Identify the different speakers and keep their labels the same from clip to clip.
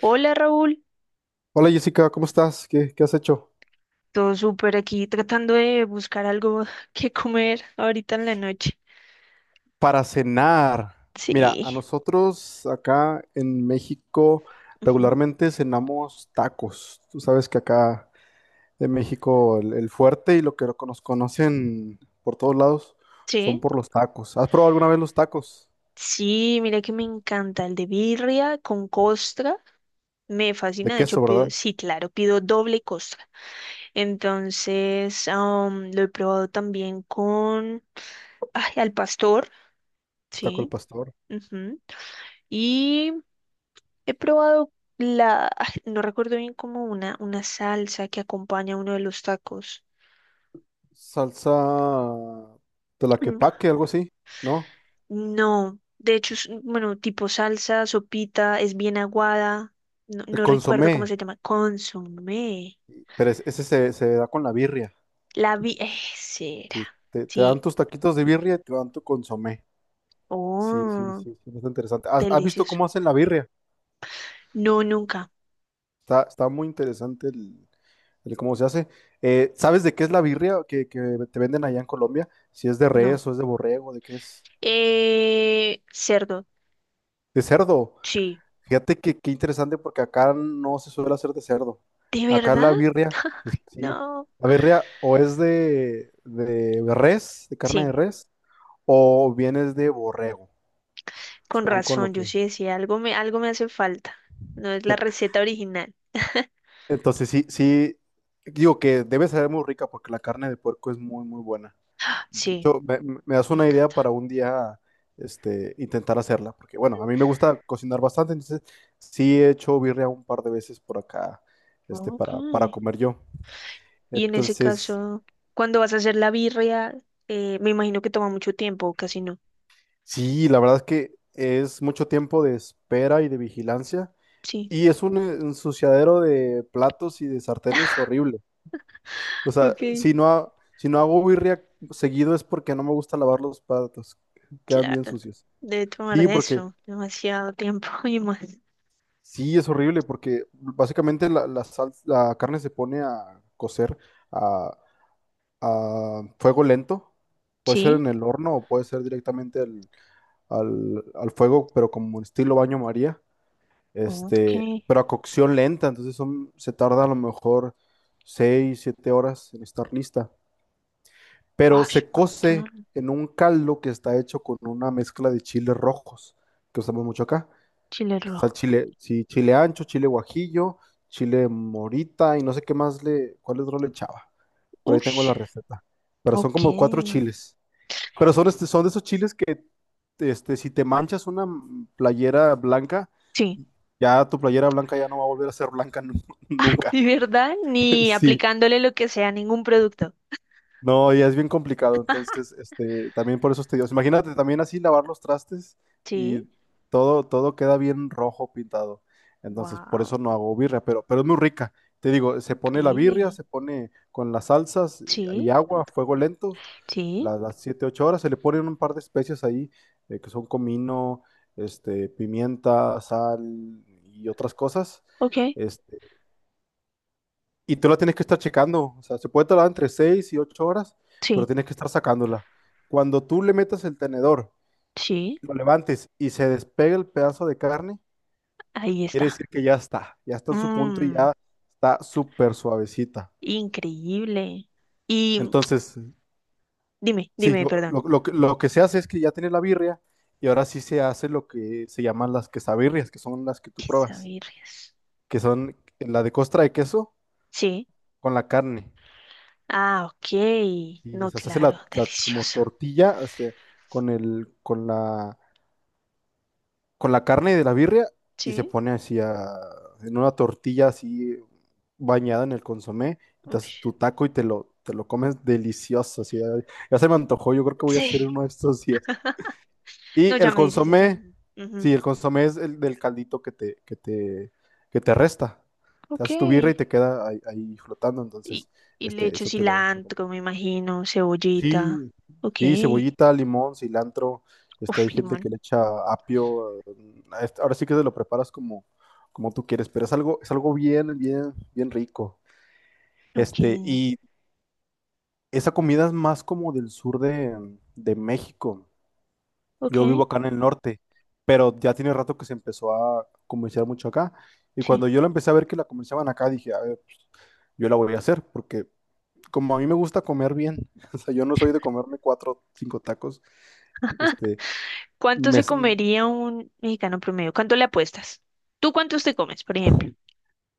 Speaker 1: Hola Raúl,
Speaker 2: Hola Jessica, ¿cómo estás? ¿Qué has hecho?
Speaker 1: todo súper aquí tratando de buscar algo que comer ahorita en la noche.
Speaker 2: Para cenar. Mira,
Speaker 1: Sí,
Speaker 2: a nosotros acá en México
Speaker 1: ujú.
Speaker 2: regularmente cenamos tacos. Tú sabes que acá en México el fuerte y lo que nos conocen por todos lados son
Speaker 1: Sí,
Speaker 2: por los tacos. ¿Has probado alguna vez los tacos?
Speaker 1: sí, mira que me encanta el de birria con costra, me
Speaker 2: De
Speaker 1: fascina, de hecho
Speaker 2: queso,
Speaker 1: pido,
Speaker 2: ¿verdad?
Speaker 1: sí, claro, pido doble costra. Entonces, lo he probado también con, ay, al pastor,
Speaker 2: Taco al
Speaker 1: sí,
Speaker 2: pastor.
Speaker 1: ujú. Y he probado la, ay, no recuerdo bien como una salsa que acompaña uno de los tacos.
Speaker 2: Salsa de la que paque, algo así, ¿no?
Speaker 1: No, de hecho es, bueno, tipo salsa, sopita, es bien aguada. No,
Speaker 2: El
Speaker 1: no recuerdo
Speaker 2: consomé,
Speaker 1: cómo se llama. Consomé.
Speaker 2: pero ese se da con la birria.
Speaker 1: La vi. Será.
Speaker 2: Sí, te dan
Speaker 1: Sí.
Speaker 2: tus taquitos de birria y te dan tu consomé. Sí, sí,
Speaker 1: Oh,
Speaker 2: sí, sí, está interesante. ¿Has visto
Speaker 1: delicioso.
Speaker 2: cómo hacen la birria?
Speaker 1: No, nunca.
Speaker 2: Está muy interesante el cómo se hace. ¿Sabes de qué es la birria que te venden allá en Colombia? Si es de
Speaker 1: No.
Speaker 2: res o es de borrego, de qué es.
Speaker 1: Cerdo.
Speaker 2: De cerdo.
Speaker 1: Sí.
Speaker 2: Fíjate que qué interesante porque acá no se suele hacer de cerdo.
Speaker 1: ¿De
Speaker 2: Acá
Speaker 1: verdad?
Speaker 2: la birria, sí,
Speaker 1: No.
Speaker 2: la birria o es de res, de carne
Speaker 1: Sí.
Speaker 2: de res, o bien es de borrego.
Speaker 1: Con
Speaker 2: Son con lo
Speaker 1: razón, yo
Speaker 2: que...
Speaker 1: sí decía, algo me hace falta. No es la receta original.
Speaker 2: Entonces sí, sí, digo que debe ser muy rica porque la carne de puerco es muy, muy buena. De
Speaker 1: Sí,
Speaker 2: hecho, me das
Speaker 1: me
Speaker 2: una idea
Speaker 1: encanta.
Speaker 2: para un día, intentar hacerla, porque bueno, a mí me gusta cocinar bastante, entonces sí he hecho birria un par de veces por acá,
Speaker 1: Ok.
Speaker 2: para comer yo.
Speaker 1: Y en ese
Speaker 2: Entonces,
Speaker 1: caso, cuando vas a hacer la birria, me imagino que toma mucho tiempo, o casi no.
Speaker 2: sí, la verdad es que es mucho tiempo de espera y de vigilancia,
Speaker 1: Sí,
Speaker 2: y es un ensuciadero de platos y de sartenes horrible. O sea,
Speaker 1: ok,
Speaker 2: si no, si no hago birria seguido es porque no me gusta lavar los platos. Quedan bien
Speaker 1: claro.
Speaker 2: sucios.
Speaker 1: Debe tomar
Speaker 2: Sí,
Speaker 1: de
Speaker 2: porque
Speaker 1: eso, demasiado tiempo y más.
Speaker 2: sí, es horrible, porque básicamente la carne se pone a cocer a, a fuego lento. Puede ser
Speaker 1: Sí,
Speaker 2: en el horno o puede ser directamente al fuego, pero como estilo baño María.
Speaker 1: ok.
Speaker 2: Pero a cocción lenta, entonces se tarda a lo mejor 6 o 7 horas en estar lista. Pero
Speaker 1: Ush,
Speaker 2: se cose
Speaker 1: montón.
Speaker 2: en un caldo que está hecho con una mezcla de chiles rojos, que usamos mucho acá.
Speaker 1: Chile
Speaker 2: Que Está el
Speaker 1: rojo.
Speaker 2: chile, sí, chile ancho, chile guajillo, chile morita y no sé qué más cuál otro le echaba. Por ahí tengo
Speaker 1: Ush,
Speaker 2: la receta. Pero son como cuatro
Speaker 1: ok.
Speaker 2: chiles. Pero son, son de esos chiles que, si te manchas una playera blanca,
Speaker 1: Sí,
Speaker 2: ya tu playera blanca ya no va a volver a ser blanca nunca.
Speaker 1: de verdad, ni
Speaker 2: Sí.
Speaker 1: aplicándole lo que sea a ningún producto.
Speaker 2: No, y es bien complicado, entonces, también por eso es tedioso. Imagínate también así lavar los trastes y
Speaker 1: Sí,
Speaker 2: todo queda bien rojo pintado. Entonces, por
Speaker 1: wow,
Speaker 2: eso no hago birria, pero es muy rica. Te digo, se pone la birria,
Speaker 1: increíble.
Speaker 2: se pone con las salsas y
Speaker 1: Sí,
Speaker 2: agua, fuego lento,
Speaker 1: sí,
Speaker 2: las 7 u 8 horas, se le ponen un par de especias ahí, que son comino, pimienta, sal y otras cosas.
Speaker 1: ok,
Speaker 2: este, y tú la tienes que estar checando. O sea, se puede tardar entre 6 y 8 horas, pero
Speaker 1: sí,
Speaker 2: tienes que estar sacándola. Cuando tú le metas el tenedor,
Speaker 1: sí,
Speaker 2: lo levantes y se despegue el pedazo de carne,
Speaker 1: ahí
Speaker 2: quiere
Speaker 1: está.
Speaker 2: decir que ya está en su punto y
Speaker 1: Mmm.
Speaker 2: ya está súper suavecita.
Speaker 1: Increíble. Y
Speaker 2: Entonces,
Speaker 1: dime,
Speaker 2: sí,
Speaker 1: dime,
Speaker 2: lo,
Speaker 1: perdón.
Speaker 2: lo- lo que lo que se hace es que ya tienes la birria y ahora sí se hace lo que se llaman las quesabirrias, que son las que tú
Speaker 1: Pizza
Speaker 2: pruebas,
Speaker 1: birrias.
Speaker 2: que son la de costra de queso
Speaker 1: Sí.
Speaker 2: con la carne.
Speaker 1: Ah, ok.
Speaker 2: Sí, o
Speaker 1: No,
Speaker 2: sea, se hace
Speaker 1: claro,
Speaker 2: la como
Speaker 1: delicioso.
Speaker 2: tortilla con el, con la, con la carne de la birria y se
Speaker 1: Sí.
Speaker 2: pone así en una tortilla así bañada en el consomé. Entonces
Speaker 1: Ush.
Speaker 2: tu taco y te lo comes delicioso. Así, ay, ya se me antojó, yo creo que voy a hacer
Speaker 1: Sí.
Speaker 2: uno de estos días.
Speaker 1: No,
Speaker 2: Y
Speaker 1: ya
Speaker 2: el
Speaker 1: me dices eso.
Speaker 2: consomé,
Speaker 1: Ujú.
Speaker 2: sí, el consomé es el del caldito que te resta. Te
Speaker 1: Ok.
Speaker 2: haces tu birria y te queda ahí flotando.
Speaker 1: Y,
Speaker 2: Entonces,
Speaker 1: y le echo
Speaker 2: eso te lo.
Speaker 1: cilantro, me imagino, cebollita.
Speaker 2: Sí,
Speaker 1: Ok.
Speaker 2: sí, cebollita, limón, cilantro. Este,
Speaker 1: Uf,
Speaker 2: hay gente
Speaker 1: limón.
Speaker 2: que le echa apio. Ahora sí que te lo preparas como tú quieres, pero es algo bien, bien, bien rico.
Speaker 1: Ok.
Speaker 2: Y esa comida es más como del sur de México. Yo vivo
Speaker 1: Ok.
Speaker 2: acá en el norte, pero ya tiene rato que se empezó a comerciar mucho acá. Y
Speaker 1: Sí.
Speaker 2: cuando yo la empecé a ver que la comerciaban acá, dije, a ver, yo la voy a hacer, porque como a mí me gusta comer bien, o sea, yo no soy de comerme cuatro, cinco tacos. Este,
Speaker 1: ¿Cuánto
Speaker 2: Me-
Speaker 1: se comería un mexicano promedio? ¿Cuánto le apuestas? ¿Tú cuántos te comes, por ejemplo?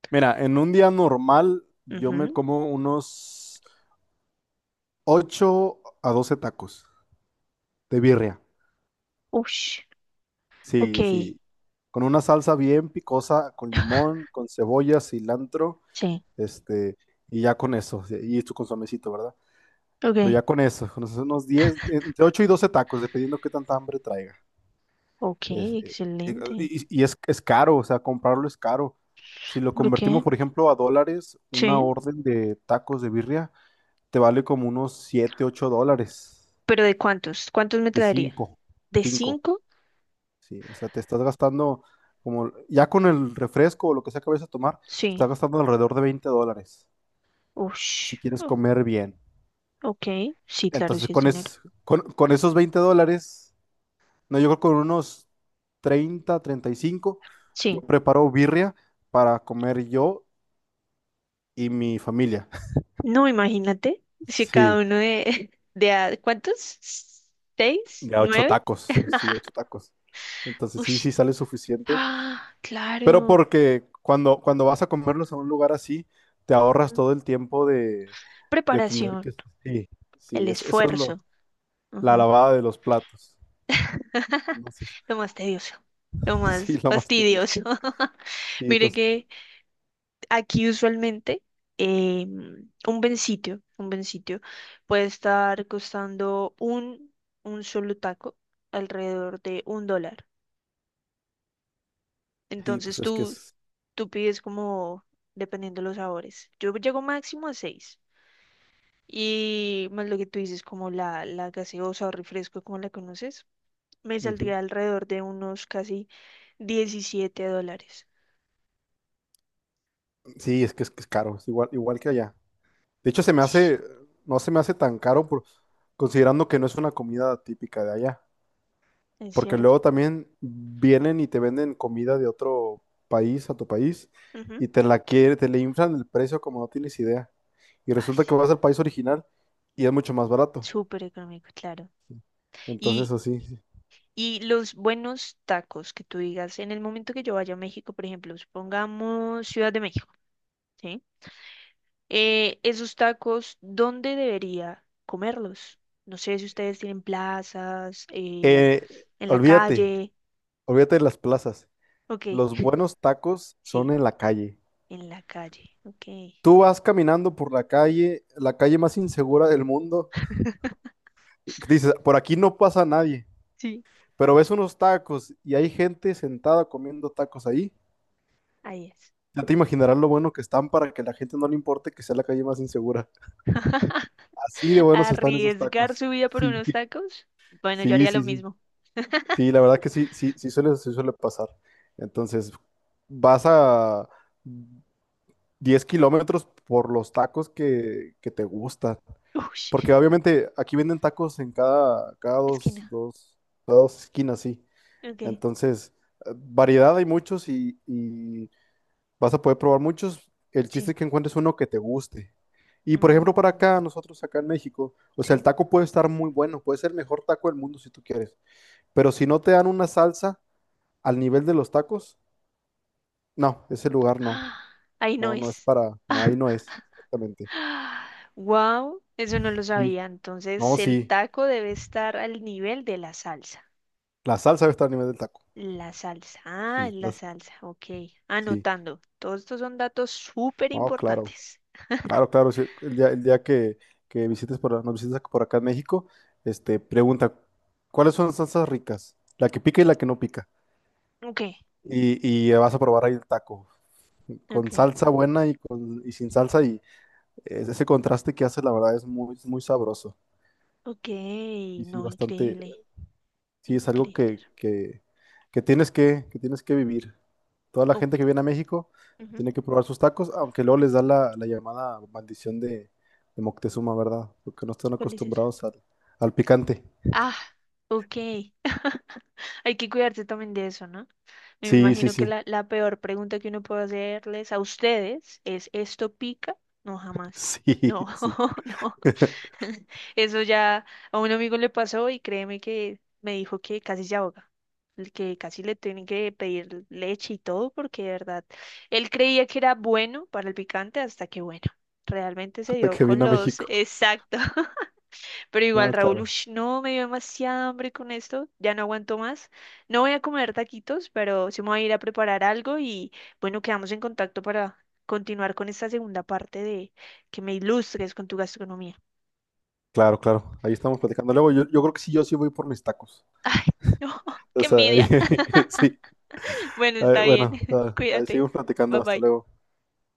Speaker 2: mira, en un día normal yo me
Speaker 1: Ujú.
Speaker 2: como unos 8 a 12 tacos de birria.
Speaker 1: Ush, ok,
Speaker 2: Sí, sí. Con una salsa bien picosa, con limón, con cebolla, cilantro,
Speaker 1: sí,
Speaker 2: este, y ya con eso. Sí, y tu consomecito, ¿verdad? Pero
Speaker 1: ok,
Speaker 2: ya con eso, con esos unos 10, entre 8 y 12 tacos, dependiendo qué tanta hambre traiga.
Speaker 1: ok,
Speaker 2: Es- eh,
Speaker 1: excelente.
Speaker 2: es caro, o sea, comprarlo es caro. Si lo
Speaker 1: ¿Por
Speaker 2: convertimos,
Speaker 1: qué?
Speaker 2: por ejemplo, a dólares, una
Speaker 1: Sí,
Speaker 2: orden de tacos de birria te vale como unos $7 u $8
Speaker 1: pero ¿de cuántos? ¿Cuántos me
Speaker 2: de
Speaker 1: traería?
Speaker 2: cinco
Speaker 1: ¿De
Speaker 2: cinco
Speaker 1: cinco?
Speaker 2: Sí, o sea, te estás gastando como, ya con el refresco o lo que sea que vayas a tomar, te estás
Speaker 1: Sí,
Speaker 2: gastando alrededor de $20 si
Speaker 1: ush,
Speaker 2: quieres comer bien.
Speaker 1: ok, sí, claro,
Speaker 2: Entonces,
Speaker 1: sí es
Speaker 2: con,
Speaker 1: dinero.
Speaker 2: es- con, con esos $20, no, yo creo que con unos 30, 35 yo
Speaker 1: Sí,
Speaker 2: preparo birria para comer yo y mi familia.
Speaker 1: no, imagínate, si cada
Speaker 2: Sí,
Speaker 1: uno de, ¿cuántos? ¿Seis?
Speaker 2: ya ocho
Speaker 1: ¿Nueve?
Speaker 2: tacos, sí, ocho tacos. Entonces, sí,
Speaker 1: Ush,
Speaker 2: sí sale suficiente.
Speaker 1: ah,
Speaker 2: Pero
Speaker 1: claro.
Speaker 2: porque cuando vas a comerlos a un lugar así, te ahorras todo el tiempo de tener
Speaker 1: Preparación,
Speaker 2: que... Sí,
Speaker 1: el
Speaker 2: sí, eso es
Speaker 1: esfuerzo.
Speaker 2: la lavada de los platos. Entonces,
Speaker 1: Lo más tedioso, lo
Speaker 2: sí,
Speaker 1: más
Speaker 2: lo más tedioso.
Speaker 1: fastidioso.
Speaker 2: Sí,
Speaker 1: Mire
Speaker 2: entonces,
Speaker 1: que aquí usualmente eh, un buen sitio puede estar costando un, solo taco alrededor de $1.
Speaker 2: sí,
Speaker 1: Entonces
Speaker 2: pues es que
Speaker 1: tú,
Speaker 2: es...
Speaker 1: tú pides como dependiendo los sabores. Yo llego máximo a seis. Y más lo que tú dices, como la gaseosa o refresco, como la conoces, me
Speaker 2: Ujú.
Speaker 1: saldría alrededor de unos casi $17.
Speaker 2: Sí, es que es, que es caro, es igual, igual que allá. De hecho, se me
Speaker 1: Sí,
Speaker 2: hace, no se me hace tan caro por, considerando que no es una comida típica de allá.
Speaker 1: es
Speaker 2: Porque
Speaker 1: cierto.
Speaker 2: luego también vienen y te venden comida de otro país a tu país
Speaker 1: Ujú.
Speaker 2: y te la quiere, te le inflan el precio como no tienes idea. Y
Speaker 1: Ay,
Speaker 2: resulta que
Speaker 1: sí,
Speaker 2: vas al país original y es mucho más barato.
Speaker 1: súper económico, claro.
Speaker 2: Entonces,
Speaker 1: Y,
Speaker 2: así. Sí.
Speaker 1: y los buenos tacos que tú digas, en el momento que yo vaya a México, por ejemplo, supongamos Ciudad de México, ¿sí? Esos tacos, ¿dónde debería comerlos? No sé si ustedes tienen plazas, en la
Speaker 2: Olvídate,
Speaker 1: calle.
Speaker 2: olvídate de las plazas.
Speaker 1: Ok,
Speaker 2: Los buenos tacos son
Speaker 1: sí,
Speaker 2: en la calle.
Speaker 1: en la calle. Ok,
Speaker 2: Tú vas caminando por la calle más insegura del mundo. Dices, por aquí no pasa nadie,
Speaker 1: sí,
Speaker 2: pero ves unos tacos y hay gente sentada comiendo tacos ahí.
Speaker 1: ahí es.
Speaker 2: Ya te imaginarás lo bueno que están para que la gente no le importe que sea la calle más insegura. Así de buenos están esos
Speaker 1: Arriesgar
Speaker 2: tacos.
Speaker 1: su vida por
Speaker 2: Sí,
Speaker 1: unos tacos. Bueno, yo
Speaker 2: sí,
Speaker 1: haría lo
Speaker 2: sí, sí.
Speaker 1: mismo.
Speaker 2: Sí, la verdad que sí, sí, sí suele pasar. Entonces, vas a 10 km por los tacos que te gustan.
Speaker 1: Uy.
Speaker 2: Porque obviamente aquí venden tacos en cada, cada dos,
Speaker 1: Esquina.
Speaker 2: dos, cada dos esquinas, sí.
Speaker 1: Ok.
Speaker 2: Entonces, variedad hay muchos y vas a poder probar muchos. El chiste
Speaker 1: Sí.
Speaker 2: es que encuentres uno que te guste. Y por ejemplo, para
Speaker 1: Mm,
Speaker 2: acá, nosotros acá en México, o sea, el
Speaker 1: sí.
Speaker 2: taco puede estar muy bueno, puede ser el mejor taco del mundo si tú quieres, pero si no te dan una salsa al nivel de los tacos, no, ese lugar no,
Speaker 1: ¡Ah! Ahí no
Speaker 2: no, no es
Speaker 1: es.
Speaker 2: para, no, ahí no es, exactamente.
Speaker 1: Wow, eso no lo
Speaker 2: Sí,
Speaker 1: sabía.
Speaker 2: no,
Speaker 1: Entonces, el
Speaker 2: sí,
Speaker 1: taco debe estar al nivel de la salsa.
Speaker 2: la salsa debe estar al nivel del taco,
Speaker 1: La salsa. Ah, es
Speaker 2: sí,
Speaker 1: la salsa. Ok.
Speaker 2: sí,
Speaker 1: Anotando. Todos estos son datos súper
Speaker 2: no, claro,
Speaker 1: importantes.
Speaker 2: claro, claro, sí, el día que nos visites por acá en México, pregunta, ¿cuáles son las salsas ricas? La que pica y la que no pica,
Speaker 1: Ok,
Speaker 2: y vas a probar ahí el taco,
Speaker 1: ok,
Speaker 2: con salsa buena y sin salsa y ese contraste que hace la verdad es muy, muy sabroso.
Speaker 1: ok.
Speaker 2: Y sí,
Speaker 1: No,
Speaker 2: bastante,
Speaker 1: increíble.
Speaker 2: sí es algo
Speaker 1: Increíble.
Speaker 2: que tienes que, tienes que vivir. Toda la gente que
Speaker 1: Ok.
Speaker 2: viene a México
Speaker 1: Ujú.
Speaker 2: tiene que probar sus tacos, aunque luego les da la llamada maldición de Moctezuma, ¿verdad? Porque no están
Speaker 1: ¿Cuál es esa?
Speaker 2: acostumbrados al picante.
Speaker 1: Ah, ok. Hay que cuidarse también de eso, ¿no? Me
Speaker 2: Sí, sí,
Speaker 1: imagino que
Speaker 2: sí.
Speaker 1: la, la peor pregunta que uno puede hacerles a ustedes es, ¿esto pica? No, jamás. No,
Speaker 2: Sí, sí.
Speaker 1: no. Eso ya a un amigo le pasó y créeme que me dijo que casi se ahoga, el que casi le tienen que pedir leche y todo porque de verdad, él creía que era bueno para el picante hasta que bueno, realmente se
Speaker 2: Hasta
Speaker 1: dio
Speaker 2: que
Speaker 1: con
Speaker 2: vino a
Speaker 1: los,
Speaker 2: México.
Speaker 1: exacto, pero igual,
Speaker 2: No,
Speaker 1: Raúl,
Speaker 2: claro,
Speaker 1: ush, no, me dio demasiada hambre con esto, ya no aguanto más. No voy a comer taquitos, pero sí me voy a ir a preparar algo y bueno, quedamos en contacto para continuar con esta segunda parte de que me ilustres con tu gastronomía.
Speaker 2: claro, claro. Ahí estamos platicando. Luego yo creo que sí, yo sí voy por mis tacos. O
Speaker 1: ¡Qué
Speaker 2: sea,
Speaker 1: envidia!
Speaker 2: sí.
Speaker 1: Bueno,
Speaker 2: A
Speaker 1: está bien.
Speaker 2: bueno, a ahí
Speaker 1: Cuídate.
Speaker 2: seguimos
Speaker 1: Bye
Speaker 2: platicando. Hasta
Speaker 1: bye.
Speaker 2: luego.